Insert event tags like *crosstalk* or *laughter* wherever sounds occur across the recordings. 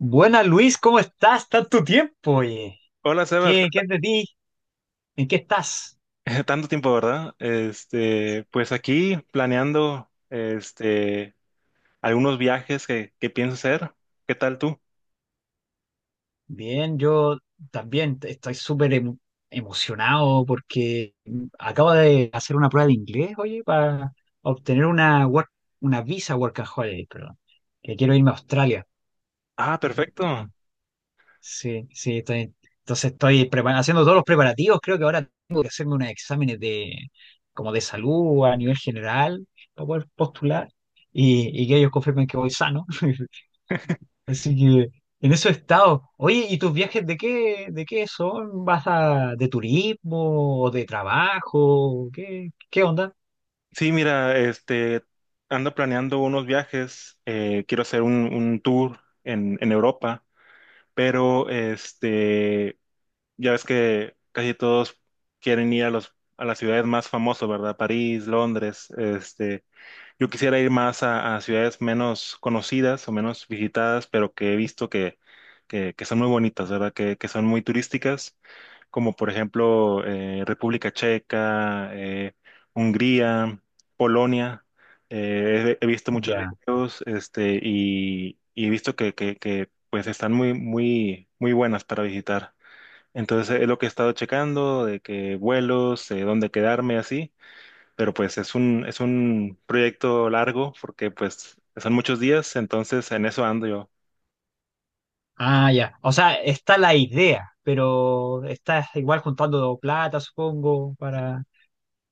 Buena Luis, ¿cómo estás? Tanto tiempo, oye. Hola Sebas, ¿Qué es de ti? ¿En qué estás? *laughs* tanto tiempo, ¿verdad? Pues aquí planeando algunos viajes que pienso hacer. ¿Qué tal tú? Bien, yo también estoy súper emocionado porque acabo de hacer una prueba de inglés, oye, para obtener una visa work and holiday, perdón, que quiero irme a Australia. Ah, perfecto. Sí, sí, entonces estoy haciendo todos los preparativos. Creo que ahora tengo que hacerme unos exámenes de, como de salud a nivel general para poder postular y que ellos confirmen que voy sano. *laughs* Así que en eso he estado. Oye, ¿y tus viajes de qué son? ¿Vas de turismo o de trabajo? ¿Qué onda? Sí, mira, ando planeando unos viajes. Quiero hacer un tour en Europa, pero ya ves que casi todos quieren ir a los a las ciudades más famosas, ¿verdad? París, Londres, Yo quisiera ir más a ciudades menos conocidas o menos visitadas, pero que he visto que son muy bonitas, ¿verdad? Que son muy turísticas, como por ejemplo República Checa, Hungría, Polonia. He visto muchos Ya. videos, y he visto pues están muy buenas para visitar. Entonces es lo que he estado checando, de que vuelos, dónde quedarme, así. Pero pues es es un proyecto largo porque pues son muchos días, entonces en eso ando yo. Ah, ya. O sea, está la idea, pero estás igual juntando plata, supongo,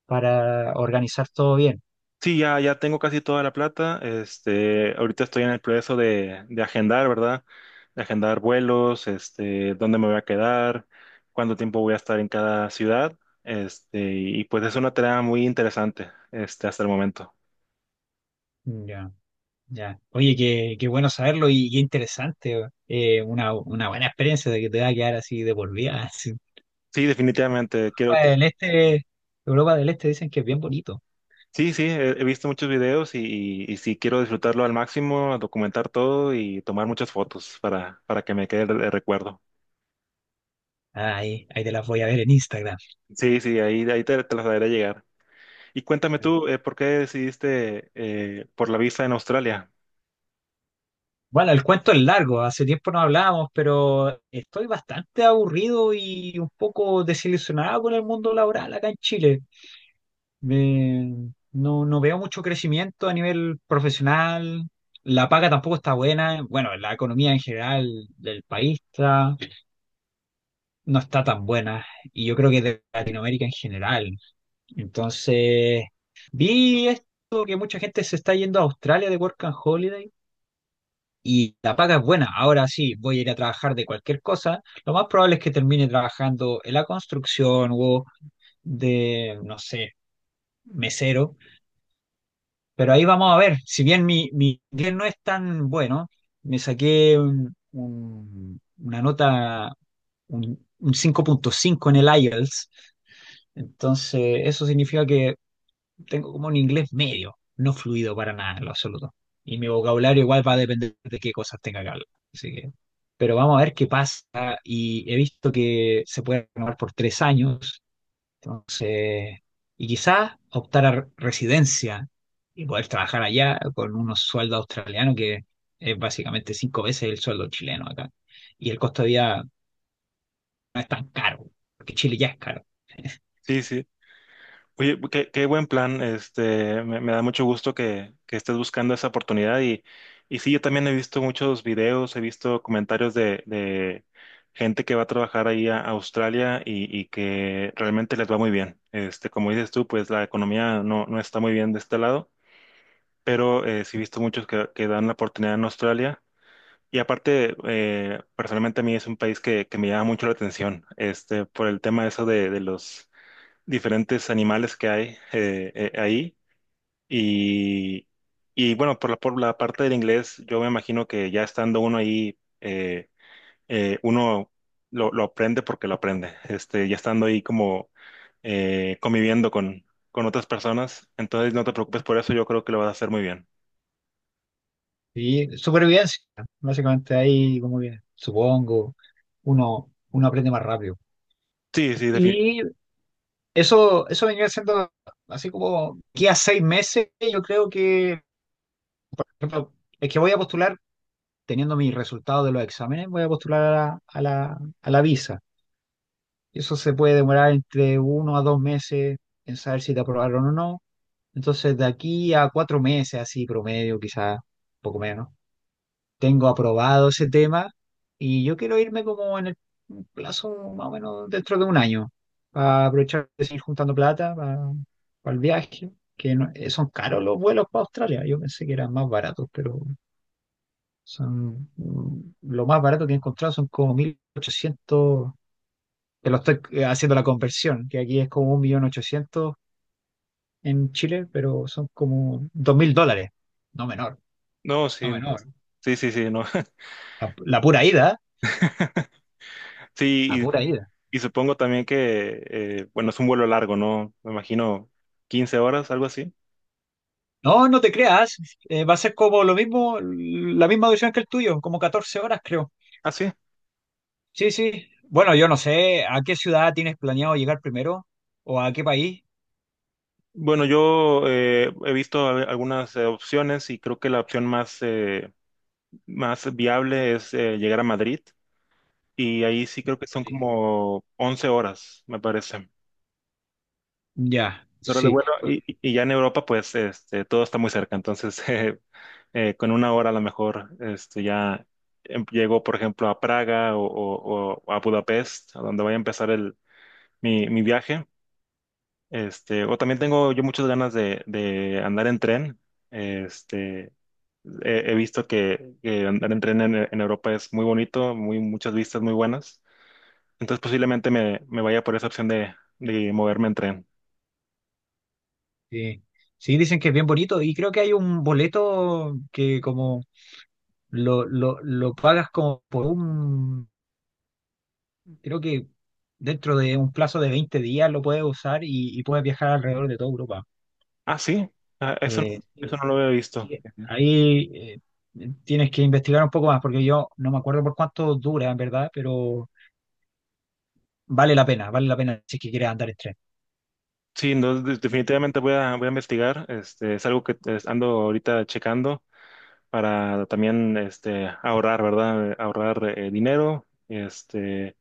para organizar todo bien. Sí, ya tengo casi toda la plata, ahorita estoy en el proceso de agendar, ¿verdad? De agendar vuelos, dónde me voy a quedar, cuánto tiempo voy a estar en cada ciudad, y pues es una tarea muy interesante, hasta el momento. Ya, ya. Oye, qué bueno saberlo y qué interesante. Una buena experiencia de que te va a quedar así de por vida. *laughs* así. Sí, definitivamente, quiero. Europa del Este, Europa del Este dicen que es bien bonito. Sí, sí, he visto muchos videos sí quiero disfrutarlo al máximo, documentar todo y tomar muchas fotos para que me quede el recuerdo. Ah, ahí te las voy a ver en Instagram. Sí, sí, ahí te las haré llegar. Y cuéntame tú, ¿por qué decidiste por la visa en Australia? Bueno, el cuento es largo, hace tiempo no hablábamos, pero estoy bastante aburrido y un poco desilusionado con el mundo laboral acá en Chile. No, no veo mucho crecimiento a nivel profesional, la paga tampoco está buena, bueno, la economía en general del país no está tan buena y yo creo que de Latinoamérica en general. Entonces, vi esto que mucha gente se está yendo a Australia de Work and Holiday y la paga es buena. Ahora sí, voy a ir a trabajar de cualquier cosa. Lo más probable es que termine trabajando en la construcción o no sé, mesero. Pero ahí vamos a ver, si bien mi inglés no es tan bueno, me saqué una nota, un, un 5.5 en el IELTS, entonces eso significa que tengo como un inglés medio, no fluido para nada en lo absoluto. Y mi vocabulario igual va a depender de qué cosas tenga que hablar. Así que, pero vamos a ver qué pasa. Y he visto que se puede renovar por 3 años, entonces, y quizás optar a residencia y poder trabajar allá con unos sueldos australianos que es básicamente cinco veces el sueldo chileno acá. Y el costo de vida no es tan caro, porque Chile ya es caro. Sí, sí. Oye, qué buen plan. Me da mucho gusto que estés buscando esa oportunidad. Y sí, yo también he visto muchos videos, he visto comentarios de gente que va a trabajar ahí a Australia y que realmente les va muy bien. Este, como dices tú, pues la economía no está muy bien de este lado, pero sí he visto muchos que dan la oportunidad en Australia. Y aparte, personalmente a mí es un país que me llama mucho la atención, este, por el tema eso de los diferentes animales que hay ahí. Y, y, bueno, por por la parte del inglés, yo me imagino que ya estando uno ahí, uno lo aprende porque lo aprende. Este, ya estando ahí como conviviendo con otras personas, entonces no te preocupes por eso, yo creo que lo vas a hacer muy bien. Y supervivencia, básicamente ahí como que supongo uno aprende más rápido. Sí, sí, definitivamente. Y eso venía siendo así como que a 6 meses, yo creo que por ejemplo, es que voy a postular teniendo mis resultados de los exámenes, voy a postular a la visa. Eso se puede demorar entre 1 a 2 meses en saber si te aprobaron o no. Entonces, de aquí a 4 meses, así promedio, quizás poco menos, tengo aprobado ese tema y yo quiero irme como en el plazo más o menos dentro de un año para aprovechar de seguir juntando plata para el viaje, que son caros los vuelos para Australia. Yo pensé que eran más baratos, pero lo más barato que he encontrado son como 1.800, que lo estoy haciendo la conversión, que aquí es como un millón ochocientos en Chile, pero son como 2.000 dólares. No menor, No, no sí, menor. sí, sí, sí, no. La pura ida, ¿eh? *laughs* La Sí, pura ida. Y supongo también que, bueno, es un vuelo largo, ¿no? Me imagino 15 horas, algo así. No, no te creas, va a ser como lo mismo, la misma duración que el tuyo, como 14 horas creo. Ah, sí. Sí, sí. Bueno, yo no sé, ¿a qué ciudad tienes planeado llegar primero? ¿O a qué país? Bueno, yo he visto algunas opciones y creo que la opción más, más viable es llegar a Madrid y ahí sí creo que son como 11 horas, me parece. Ya, 11 horas de sí. vuelo y, y ya en Europa pues este, todo está muy cerca, entonces *laughs* con una hora a lo mejor este, ya llego por ejemplo a Praga o a Budapest, a donde voy a empezar el, mi viaje. Este, o también tengo yo muchas ganas de andar en tren. Este, he visto que andar en tren en Europa es muy bonito, muy, muchas vistas muy buenas. Entonces posiblemente me vaya por esa opción de moverme en tren. Sí, sí, dicen que es bien bonito y creo que hay un boleto que como lo pagas como creo que dentro de un plazo de 20 días lo puedes usar y puedes viajar alrededor de toda Europa. Ah, sí, ah, eso, eso Sí, no lo había visto. sí, Ujú. ahí tienes que investigar un poco más porque yo no me acuerdo por cuánto dura en verdad, pero vale la pena si es que quieres andar en tren. Sí, no, definitivamente voy voy a investigar. Este, es algo que ando ahorita checando para también este, ahorrar, ¿verdad? Ahorrar dinero este,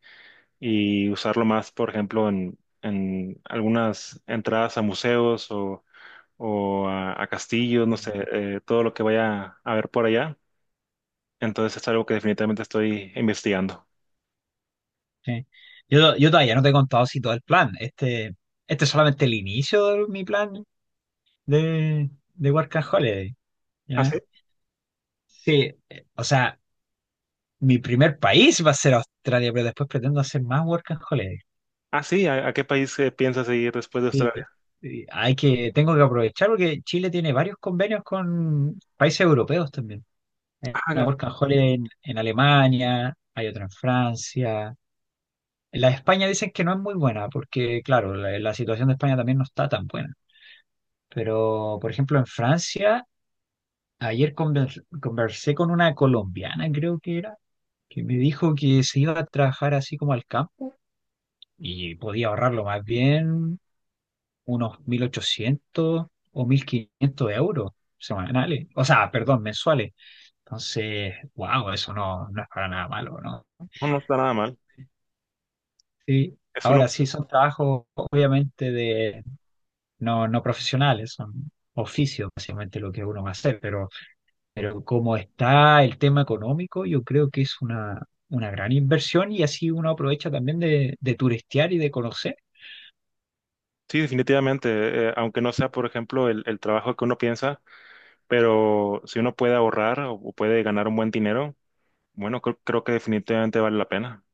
y usarlo más, por ejemplo, en algunas entradas a museos o a castillos, no sé, todo lo que vaya a ver por allá. Entonces es algo que definitivamente estoy investigando. Sí. Yo todavía no te he contado si todo el plan, este es solamente el inicio de mi plan de Work and Holiday, Ah, ¿ya? sí. Sí, o sea, mi primer país va a ser Australia, pero después pretendo hacer más Work and Holiday. Ah, sí, a qué país piensas ir después de Sí, Australia? sí, tengo que aprovechar porque Chile tiene varios convenios con países europeos también. Hay Ah, una ya. Work and Holiday en Alemania, hay otra en Francia. La de España dicen que no es muy buena porque, claro, la situación de España también no está tan buena. Pero, por ejemplo, en Francia, ayer conversé con una colombiana, creo que era, que me dijo que se iba a trabajar así como al campo y podía ahorrarlo más bien unos 1.800 o 1.500 euros semanales, o sea, perdón, mensuales. Entonces, wow, eso no, no es para nada malo, ¿no? No, no está nada mal. Sí, Es uno, ahora sí son trabajos obviamente de no, no profesionales, son oficios básicamente lo que uno va a hacer, pero como está el tema económico, yo creo que es una gran inversión y así uno aprovecha también de turistear y de conocer. sí, definitivamente, aunque no sea, por ejemplo, el trabajo que uno piensa, pero si uno puede ahorrar o puede ganar un buen dinero, bueno, creo que definitivamente vale la pena.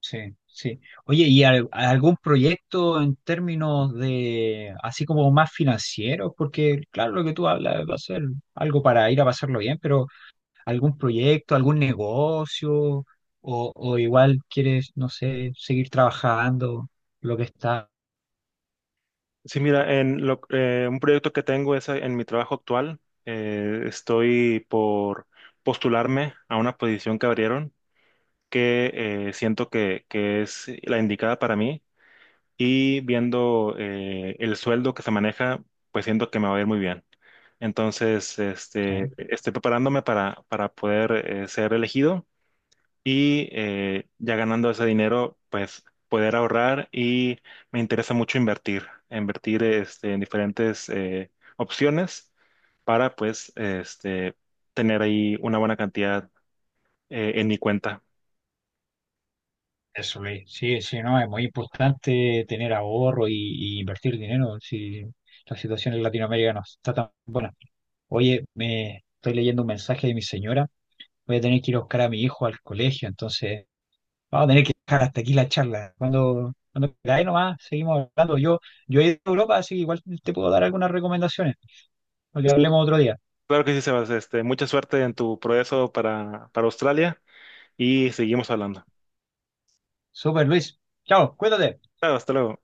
Sí, sí. Oye, ¿y algún proyecto en términos de, así como más financieros? Porque, claro, lo que tú hablas va a ser algo para ir a pasarlo bien, pero ¿algún proyecto, algún negocio? O igual quieres, no sé, seguir trabajando lo que está. Sí, mira, en un proyecto que tengo es en mi trabajo actual. Estoy por postularme a una posición que abrieron que siento que es la indicada para mí y viendo el sueldo que se maneja, pues siento que me va a ir muy bien. Entonces, Sí, estoy preparándome para poder ser elegido y ya ganando ese dinero, pues poder ahorrar y me interesa mucho invertir, invertir este, en diferentes opciones para pues este, tener ahí una buena cantidad en mi cuenta. eso, Luis. Sí, sí, no, es muy importante tener ahorro y invertir dinero. Si la situación en Latinoamérica no está tan buena. Oye, me estoy leyendo un mensaje de mi señora. Voy a tener que ir a buscar a mi hijo al colegio, entonces vamos a tener que dejar hasta aquí la charla. Cuando queráis nomás, seguimos hablando. Yo he ido a Europa, así que igual te puedo dar algunas recomendaciones, para que hablemos otro día. Claro que sí, Sebas, este, mucha suerte en tu progreso para Australia y seguimos hablando. Super Luis, chao, cuídate. Claro, hasta luego.